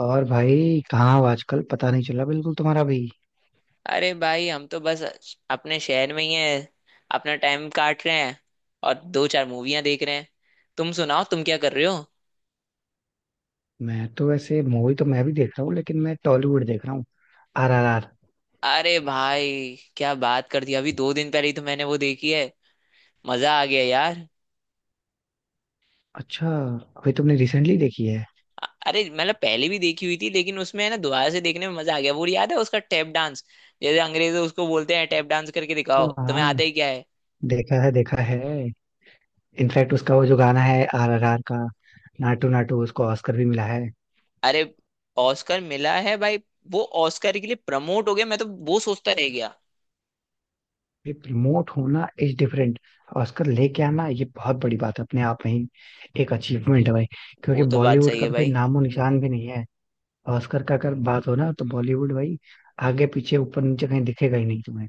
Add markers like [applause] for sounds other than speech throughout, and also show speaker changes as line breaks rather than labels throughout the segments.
और भाई, कहाँ हो? आजकल पता नहीं चला बिल्कुल तुम्हारा भी।
अरे भाई, हम तो बस अपने शहर में ही हैं। अपना टाइम काट रहे हैं। और दो चार मूवियां देख रहे हैं। तुम सुनाओ, तुम क्या कर रहे हो?
मैं तो वैसे मूवी तो मैं भी देख रहा हूँ, लेकिन मैं टॉलीवुड देख रहा हूँ। RRR।
अरे भाई, क्या बात कर दी। अभी दो दिन पहले ही तो मैंने वो देखी है। मजा आ गया यार।
अच्छा। अभी तुमने रिसेंटली देखी है?
अरे मतलब पहले भी देखी हुई थी, लेकिन उसमें है ना, दोबारा से देखने में मजा आ गया। वो याद है उसका टैप डांस? जैसे अंग्रेज उसको बोलते हैं, टैप डांस करके दिखाओ,
हाँ,
तुम्हें आता
हाँ,
ही क्या है।
देखा है, देखा है। इनफैक्ट उसका वो जो गाना है RRR का, नाटू नाटू, उसको ऑस्कर भी मिला है।
अरे, ऑस्कर मिला है भाई। वो ऑस्कर के लिए प्रमोट हो गया, मैं तो। वो सोचता रह गया।
ये प्रमोट होना इज डिफरेंट। ऑस्कर लेके आना ये बहुत बड़ी बात है अपने आप में ही। एक अचीवमेंट है भाई। क्योंकि
वो तो बात
बॉलीवुड
सही
का
है
तो कोई
भाई।
नामो निशान भी नहीं है। ऑस्कर का अगर बात हो ना, तो बॉलीवुड भाई आगे पीछे ऊपर नीचे कहीं दिखेगा ही नहीं तुम्हें।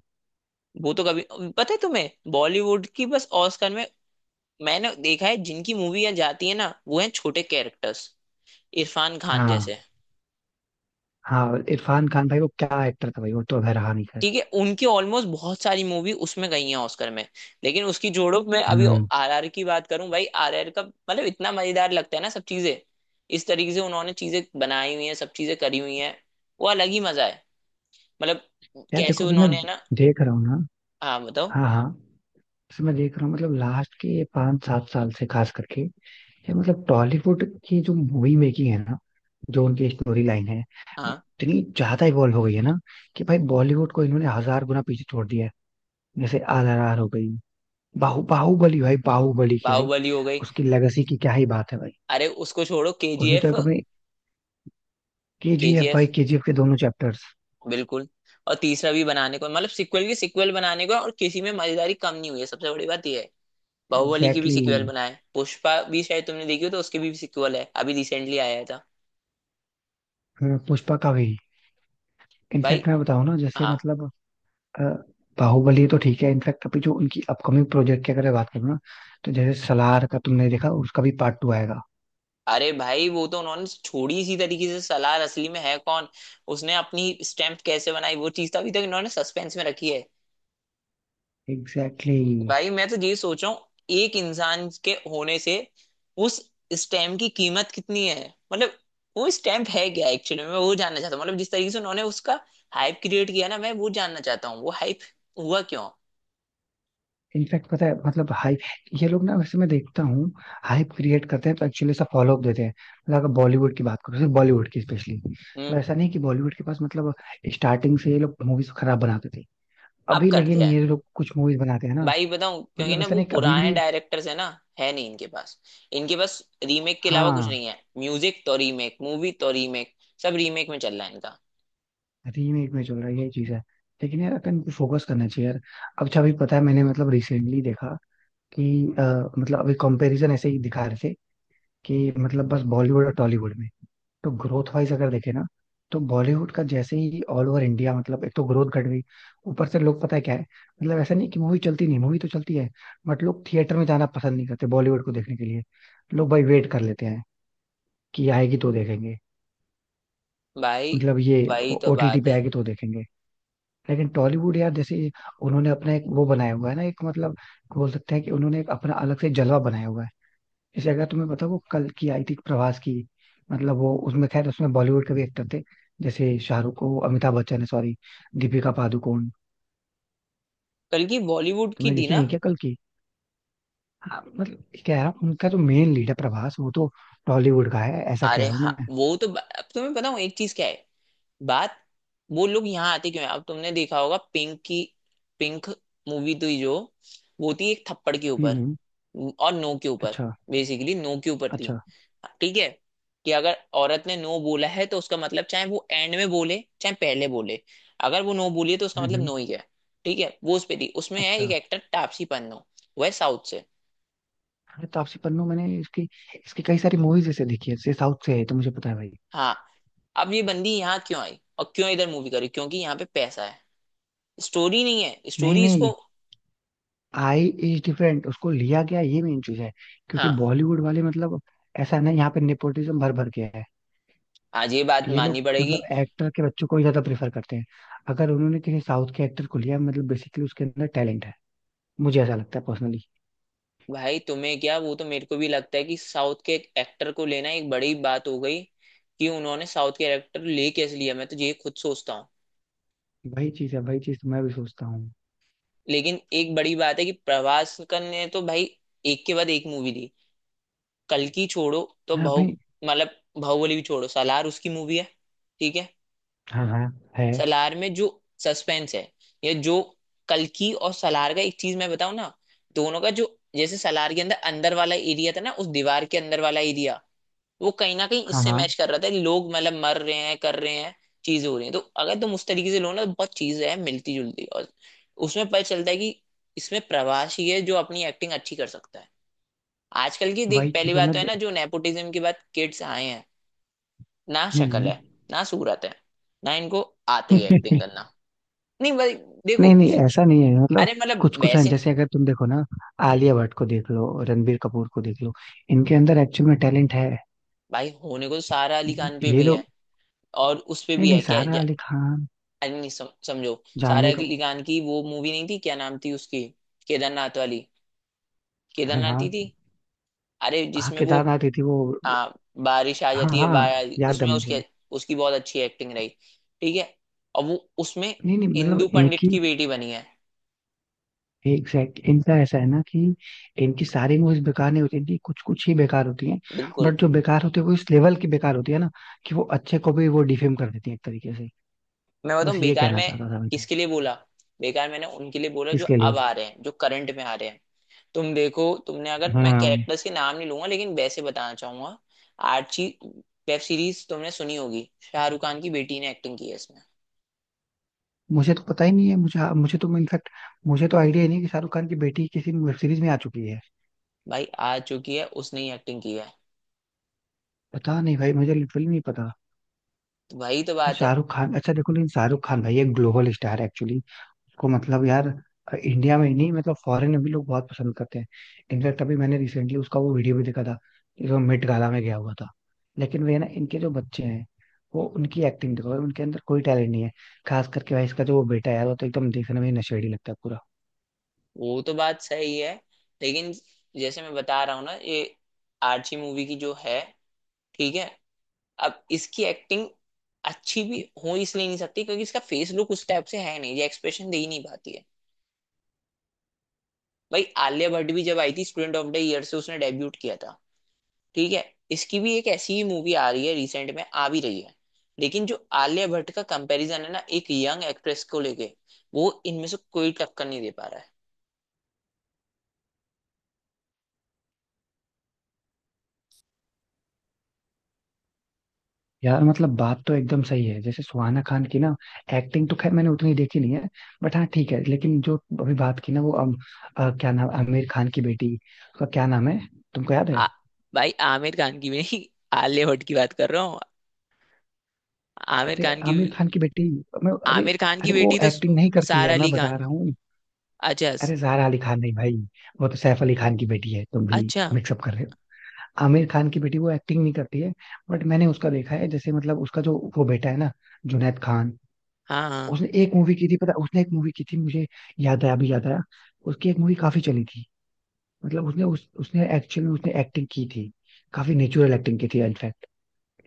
वो तो कभी... पता है तुम्हें, बॉलीवुड की बस ऑस्कर में मैंने देखा है जिनकी मूवी जाती है ना, वो है छोटे कैरेक्टर्स, इरफान खान
हाँ।
जैसे।
हाँ, इरफान खान भाई वो क्या एक्टर था भाई, वो तो अगर रहा नहीं, खैर।
ठीक है, उनकी ऑलमोस्ट बहुत सारी मूवी उसमें गई है ऑस्कर में। लेकिन उसकी जोड़ों में अभी
हम्म।
आरआर की बात करूं भाई, आरआर का मतलब इतना मजेदार लगता है ना, सब चीजें इस तरीके से उन्होंने चीजें बनाई हुई हैं, सब चीजें करी हुई हैं। वो अलग ही मजा है। मतलब
यार देखो,
कैसे
अभी मैं
उन्होंने, है ना।
देख रहा हूँ ना।
हाँ बताओ।
हाँ, हाँ। जैसे मैं देख रहा हूँ, मतलब लास्ट के पाँच सात साल से खास करके, ये मतलब टॉलीवुड की जो मूवी मेकिंग है ना, जो उनकी स्टोरी लाइन है, वो
हाँ।
इतनी ज्यादा इवॉल्व हो गई है ना, कि भाई बॉलीवुड को इन्होंने हजार गुना पीछे छोड़ दिया है। जैसे RRR हो गई। बाहुबली भाई, बाहुबली की भाई।
बाहुबली हो गई।
उसकी लेगेसी की क्या ही बात है भाई।
अरे उसको छोड़ो,
उसने तो
केजीएफ।
एक अपने, KGF
केजीएफ,
भाई, KGF के दोनों चैप्टर्स।
बिल्कुल। और तीसरा भी बनाने को, मतलब सीक्वल की सीक्वल बनाने को है, और किसी में मजेदारी कम नहीं हुई है। सबसे बड़ी बात यह है, बाहुबली की भी
एग्जैक्टली
सीक्वल
exactly।
बनाए। पुष्पा भी शायद तुमने देखी हो, तो उसकी भी सीक्वल है, अभी रिसेंटली आया था।
हाँ, पुष्पा का भी।
भाई।
इनफैक्ट मैं बताऊं ना, जैसे
हाँ।
मतलब अ, बाहुबली तो ठीक है। इनफैक्ट अभी जो उनकी अपकमिंग प्रोजेक्ट की अगर मैं बात करूँ ना, तो जैसे सलार का तुमने देखा, उसका भी पार्ट 2 आएगा।
अरे भाई, वो तो उन्होंने छोड़ी इसी तरीके से। सलार असली में है कौन, उसने अपनी स्टैम्प कैसे बनाई, वो चीज तो अभी तक इन्होंने सस्पेंस में रखी है।
एग्जैक्टली।
भाई मैं तो ये सोच रहा हूँ, एक इंसान के होने से उस स्टैम्प की कीमत कितनी है, मतलब वो स्टैम्प है क्या एक्चुअली। मैं वो जानना चाहता हूँ, मतलब जिस तरीके से उन्होंने उसका हाइप क्रिएट किया ना, मैं वो जानना चाहता हूँ वो हाइप हुआ क्यों।
इनफैक्ट पता है मतलब हाइप, ये लोग ना वैसे मैं देखता हूँ हाइप क्रिएट करते हैं, तो एक्चुअली ऐसा फॉलो अप देते हैं। मतलब अगर बॉलीवुड की बात करो, सिर्फ बॉलीवुड की स्पेशली,
हम्म।
तो ऐसा नहीं कि बॉलीवुड के पास मतलब स्टार्टिंग से ये लोग मूवीज खराब बनाते थे।
अब
अभी
कट
लेकिन
गया है।
ये लोग कुछ मूवीज बनाते हैं ना।
भाई बताऊँ, क्योंकि
मतलब
ना
ऐसा
वो
नहीं कि अभी
पुराने
भी।
डायरेक्टर्स है ना। है नहीं इनके पास। इनके पास रीमेक के अलावा कुछ
हाँ।
नहीं है। म्यूजिक तो रीमेक, मूवी तो रीमेक, सब रीमेक में चल रहा है इनका।
रीमेक में चल रहा है, यही चीज है। लेकिन यार अपन को फोकस करना चाहिए यार। अब अच्छा, अभी पता है मैंने मतलब रिसेंटली देखा कि अ, मतलब अभी कंपैरिजन ऐसे ही दिखा रहे थे, कि मतलब बस बॉलीवुड और टॉलीवुड में, तो ग्रोथ वाइज अगर देखे ना, तो बॉलीवुड का जैसे ही ऑल ओवर इंडिया, मतलब एक तो ग्रोथ घट गई। ऊपर से लोग पता है क्या है, मतलब ऐसा नहीं कि मूवी चलती नहीं, मूवी तो चलती है। बट लोग थिएटर में जाना पसंद नहीं करते बॉलीवुड को देखने के लिए। लोग भाई वेट कर लेते हैं कि आएगी तो देखेंगे,
भाई
मतलब ये
वही तो
OTT
बात
पे
है।
आएगी तो देखेंगे। लेकिन टॉलीवुड यार, जैसे उन्होंने अपना एक वो बनाया हुआ है ना, एक मतलब बोल सकते हैं कि उन्होंने एक अपना अलग से जलवा बनाया हुआ है। जैसे अगर तुम्हें पता, वो कल की आई थी प्रभास की। मतलब वो उसमें, खैर, उसमें बॉलीवुड के भी एक्टर थे। जैसे शाहरुख को, अमिताभ बच्चन है सॉरी, दीपिका पादुकोण।
कल की बॉलीवुड की
तुमने
थी
देखी
ना?
नहीं क्या कल की? हाँ, मतलब क्या है उनका जो मेन लीडर प्रभास, वो तो टॉलीवुड का है, ऐसा कह
अरे
रहा हूँ
हाँ,
मैं।
वो तो अब तुम्हें बताऊँ एक चीज, क्या है बात। वो लोग यहाँ आते क्यों है? अब तुमने देखा होगा पिंक की। पिंक मूवी थी जो, वो थी एक थप्पड़ के
हम्म,
ऊपर
हम्म।
और नो के ऊपर,
अच्छा।
बेसिकली नो के ऊपर थी।
अच्छा।
ठीक है, कि अगर औरत ने नो बोला है तो उसका मतलब, चाहे वो एंड में बोले चाहे पहले बोले, अगर वो नो बोली है तो उसका
हम्म,
मतलब
हम्म।
नो ही है। ठीक है, वो उस पे थी। उसमें है एक
अच्छा।
एक्टर तापसी पन्नू, वह साउथ से।
अरे तापसी पन्नू, मैंने इसकी इसकी कई सारी मूवीज ऐसे देखी है, जैसे साउथ से है तो मुझे पता है भाई।
हाँ। अब ये बंदी यहाँ क्यों आई और क्यों इधर मूवी करी, क्योंकि यहाँ पे पैसा है, स्टोरी नहीं है।
नहीं,
स्टोरी
नहीं,
इसको...
आई इज डिफरेंट, उसको लिया गया ये मेन चीज है। क्योंकि
हाँ।
बॉलीवुड वाले मतलब, ऐसा है ना, यहाँ पे नेपोटिज्म भर भर के है।
आज ये बात
ये
माननी
लोग
पड़ेगी।
मतलब एक्टर के बच्चों को ही ज्यादा प्रेफर करते हैं। अगर उन्होंने किसी साउथ के एक्टर को लिया, मतलब बेसिकली उसके अंदर टैलेंट है। मुझे ऐसा लगता है पर्सनली।
भाई तुम्हें क्या, वो तो मेरे को भी लगता है कि साउथ के एक एक्टर को लेना एक बड़ी बात हो गई, कि उन्होंने साउथ के एक्टर ले कैसे लिया, मैं तो ये खुद सोचता हूँ।
वही चीज है, वही चीज मैं भी सोचता हूँ।
लेकिन एक बड़ी बात है कि प्रभास ने तो भाई एक के बाद एक मूवी दी। कल्कि छोड़ो, तो
हाँ
बहु
भाई।
मतलब बाहुबली भी छोड़ो, सालार उसकी मूवी है। ठीक है।
हाँ, हाँ। है।
सलार में जो सस्पेंस है, या जो कल्कि और सलार का, एक चीज मैं बताऊं ना, दोनों का जो, जैसे सलार के अंदर, अंदर वाला एरिया था ना, उस दीवार के अंदर वाला एरिया, वो कहीं ना कहीं
हाँ,
इससे
हाँ।
मैच कर रहा था। लोग मतलब मर रहे हैं, कर रहे हैं, चीजें हो रही हैं। तो अगर तुम उस तरीके से लो ना, तो बहुत चीजें हैं मिलती जुलती, और उसमें पता चलता है कि इसमें प्रवासी है जो अपनी एक्टिंग अच्छी कर सकता है। आजकल की देख,
वही
पहली
चीज है।
बात तो है ना, जो नेपोटिज्म के बाद किड्स आए हैं, ना शक्ल
हम्म।
है, ना सूरत है, ना इनको आती है एक्टिंग
[laughs]
करना। नहीं भाई,
नहीं,
देखो।
नहीं, ऐसा नहीं है मतलब।
अरे मतलब
कुछ कुछ हैं,
वैसे।
जैसे अगर तुम देखो ना,
हम्म।
आलिया भट्ट को देख लो, रणबीर कपूर को देख लो। इनके अंदर एक्चुअल में टैलेंट है।
भाई होने को तो सारा अली खान पे
ये
भी है,
लोग।
और उस पे
नहीं,
भी
नहीं,
है, क्या
सारा अली खान,
अरे नहीं, समझो। सारा
जानवी
अली
कपूर।
खान की वो मूवी नहीं थी, क्या नाम थी उसकी, केदारनाथ वाली।
हाँ,
केदारनाथ ही थी।
हाँ,
अरे
हाँ,
जिसमें वो
केदारनाथ ही थी वो।
आ, बारिश आ
हाँ,
जाती है,
हाँ,
बारिश
याद है
उसमें
मुझे।
उसके उसकी बहुत अच्छी एक्टिंग रही। ठीक है। और वो उसमें
नहीं, नहीं,
इंदु
मतलब
पंडित
इनकी।
की बेटी बनी है।
एग्जैक्ट इनका ऐसा है ना कि, इनकी सारी मूवीज बेकार नहीं होती, इनकी कुछ कुछ ही बेकार होती हैं।
बिल्कुल।
बट जो बेकार होती है, वो इस लेवल की बेकार होती है ना, कि वो अच्छे को भी वो डिफेम कर देती है एक तरीके से।
मैं बताऊं,
बस ये
बेकार
कहना
में
चाहता था मैं तो।
किसके लिए बोला? बेकार मैंने उनके लिए बोला जो
किसके
अब
लिए?
आ रहे हैं, जो करंट में आ रहे हैं। तुम देखो, तुमने, अगर मैं
हाँ।
कैरेक्टर्स के नाम नहीं लूंगा लेकिन वैसे बताना चाहूंगा, आर्ची वेब सीरीज तुमने सुनी होगी, शाहरुख खान की बेटी ने एक्टिंग की है इसमें।
मुझे तो पता ही नहीं है, मुझे मुझे तो इनफैक्ट, मुझे तो आइडिया ही नहीं कि शाहरुख खान की बेटी किसी वेब सीरीज में आ चुकी है।
भाई आ चुकी है, उसने ही एक्टिंग की है।
पता नहीं भाई, मुझे लिटरली नहीं पता।
तो वही तो
यार
बात है।
शाहरुख खान, अच्छा देखो, लेकिन शाहरुख खान भाई एक ग्लोबल स्टार है एक्चुअली। इसको मतलब यार, इंडिया में ही नहीं, मतलब फॉरेन में भी लोग बहुत पसंद करते हैं। इनफैक्ट अभी मैंने रिसेंटली उसका वो वीडियो भी देखा था, जो मेट गाला में गया हुआ था। लेकिन वे ना, इनके जो बच्चे हैं, वो उनकी एक्टिंग देखो, उनके अंदर कोई टैलेंट नहीं है। खास करके भाई इसका जो वो बेटा है यार, वो तो एकदम देखने में ही नशेड़ी लगता है।
वो तो बात सही है। लेकिन जैसे मैं बता रहा हूँ ना, ये आर्ची मूवी की जो है, ठीक है, अब इसकी एक्टिंग अच्छी भी हो इसलिए नहीं सकती, क्योंकि इसका फेस लुक उस टाइप से है नहीं, ये एक्सप्रेशन दे ही नहीं पाती है। भाई आलिया भट्ट भी जब आई थी, स्टूडेंट ऑफ द ईयर से उसने डेब्यूट किया था। ठीक है। इसकी भी एक ऐसी ही मूवी आ रही है, रिसेंट में आ भी रही है। लेकिन जो आलिया भट्ट का कंपैरिजन है ना, एक यंग एक्ट्रेस को लेके, वो इनमें से कोई टक्कर नहीं दे पा रहा है।
यार मतलब बात तो एकदम सही है, जैसे सुहाना खान की ना, एक्टिंग तो खैर मैंने उतनी देखी नहीं है। बट हाँ, ठीक है, लेकिन जो अभी बात की ना वो क्या नाम आमिर खान की बेटी, उसका क्या नाम है, तुमको याद
आ,
है?
भाई आमिर खान की भी नहीं, आलिया भट्ट की बात कर रहा हूँ। आमिर
अरे
खान की।
आमिर खान की बेटी, मैं अरे।
आमिर खान की
अरे वो
बेटी तो
एक्टिंग नहीं करती
सारा
है, मैं
अली
बता
खान।
रहा हूँ।
अच्छा।
अरे जारा अली खान नहीं भाई, वो तो सैफ अली खान की बेटी है, तुम भी
अच्छा।
मिक्सअप कर रहे हो। आमिर खान की बेटी वो एक्टिंग नहीं करती है। बट मैंने उसका देखा है, जैसे मतलब उसका जो वो बेटा है ना, जुनैद खान।
हाँ हाँ।
उसने एक मूवी की थी पता है, उसने एक मूवी की थी, मुझे याद आया, अभी याद आया। उसकी एक मूवी काफी चली थी। मतलब उसने उसने एक्चुअल में उसने एक्टिंग की थी। काफी नेचुरल एक्टिंग की थी इनफैक्ट।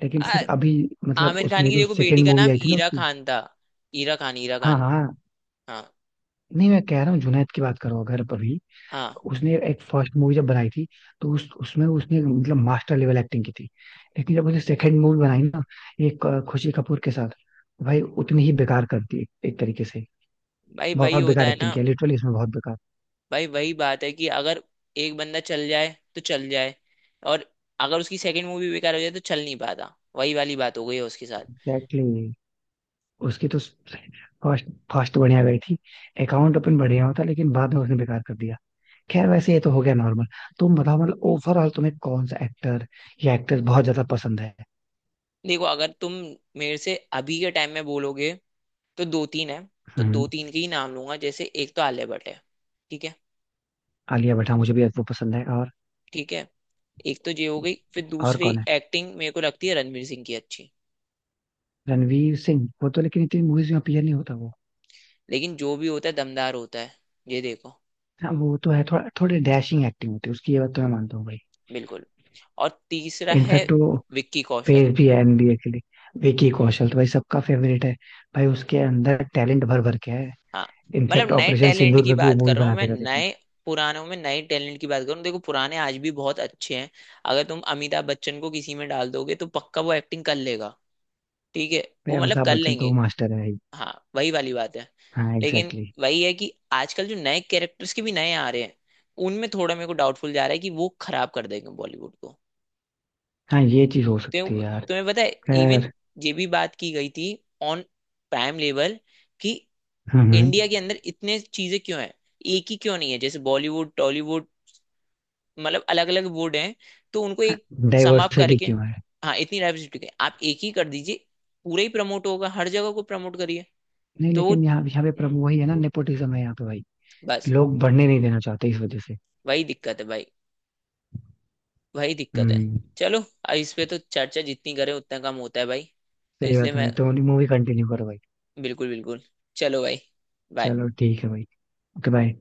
लेकिन
आ,
फिर अभी मतलब
आमिर खान
उसने
की
जो
देखो, बेटी
सेकंड
का
मूवी
नाम
आई थी ना
हीरा
उसकी,
खान था। हीरा खान, हीरा
हाँ,
खान।
हाँ, हाँ,
हाँ
नहीं मैं कह रहा हूँ, जुनैद की बात करो अगर अभी,
हाँ।
तो उसने एक फर्स्ट मूवी जब बनाई थी, तो उस उसमें उसने मतलब मास्टर लेवल एक्टिंग की थी। लेकिन जब उसने सेकंड मूवी बनाई ना एक खुशी कपूर के साथ, भाई उतनी ही बेकार कर दी एक एक तरीके से।
भाई वही
बहुत
होता
बेकार
है ना।
एक्टिंग किया लिटरली, इसमें बहुत बेकार।
भाई वही बात है, कि अगर एक बंदा चल जाए तो चल जाए, और अगर उसकी सेकंड मूवी बेकार हो जाए तो चल नहीं पाता। वही वाली बात हो गई है उसके साथ।
एग्जैक्टली। उसकी तो फर्स्ट फर्स्ट बढ़िया गई थी। अकाउंट ओपन बढ़िया होता, लेकिन बाद में उसने बेकार कर दिया। खैर वैसे ये तो हो गया नॉर्मल। तुम बताओ, मतलब ओवरऑल तुम्हें कौन सा एक्टर या एक्ट्रेस बहुत ज्यादा पसंद है?
देखो अगर तुम मेरे से अभी के टाइम में बोलोगे, तो दो तीन है। तो
हम्म।
दो तीन के ही नाम लूंगा, जैसे एक तो आलिया भट्ट है। ठीक है।
आलिया भट्ट, हाँ, मुझे भी वो पसंद है। और
ठीक है। एक तो ये हो गई, फिर
और
दूसरी
कौन है?
एक्टिंग मेरे को लगती है रणवीर सिंह की अच्छी।
रणवीर सिंह, वो तो लेकिन इतनी मूवीज में अपीयर नहीं होता वो।
लेकिन जो भी होता है दमदार होता है। ये देखो।
हाँ, वो तो है थोड़ा, थोड़ी डैशिंग एक्टिंग होती है उसकी, ये बात तो मैं मानता हूँ भाई।
बिल्कुल। और तीसरा है
इनफैक्ट वो
विक्की कौशल।
फेस भी है NBA के लिए। विकी कौशल तो भाई सबका फेवरेट है। भाई उसके अंदर टैलेंट भर भर के है।
हाँ। मतलब
इनफैक्ट
नए
ऑपरेशन
टैलेंट
सिंदूर
की
में भी वो
बात
मूवी
कर रहा हूँ
बना
मैं,
देगा देखना।
नए। पुरानों में नए टैलेंट की बात करूँ, देखो पुराने आज भी बहुत अच्छे हैं। अगर तुम अमिताभ बच्चन को किसी में डाल दोगे तो पक्का वो एक्टिंग कर लेगा। ठीक है।
भाई
वो मतलब
अमिताभ
कर
बच्चन तो वो
लेंगे।
मास्टर है ही।
हाँ, वही वाली बात है।
हाँ,
लेकिन
एग्जैक्टली exactly।
वही है कि आजकल जो नए कैरेक्टर्स के भी नए आ रहे हैं, उनमें थोड़ा मेरे को डाउटफुल जा रहा है कि वो खराब कर देंगे बॉलीवुड को।
हाँ, ये चीज हो सकती है
तुम्हें
यार।
तुम्हें पता है। इवन
खैर।
ये भी बात की गई थी ऑन प्राइम लेवल, कि
हम्म।
इंडिया के अंदर इतने चीजें क्यों हैं, एक ही क्यों नहीं है, जैसे बॉलीवुड टॉलीवुड, मतलब अलग अलग बोर्ड हैं, तो उनको एक समाप्त
डाइवर्सिटी
करके।
क्यों है?
हाँ, इतनी डाइवर्सिटी आप एक ही कर दीजिए, पूरा ही प्रमोट होगा, हर जगह को प्रमोट करिए।
नहीं,
तो वो
लेकिन यहाँ यहाँ पे
हम्म,
प्रॉब्लम वही है ना, नेपोटिज्म है यहाँ पे भाई।
बस।
लोग बढ़ने नहीं देना चाहते इस वजह से।
वही दिक्कत है भाई। वही दिक्कत है।
हम्म।
चलो, अब इस पे तो चर्चा जितनी करें उतना कम होता है भाई। तो
सही
इसलिए
बात है
मैं,
भाई, तो मूवी कंटिन्यू करो भाई।
बिल्कुल बिल्कुल। चलो भाई, बाय।
चलो, ठीक है भाई। Okay, bye.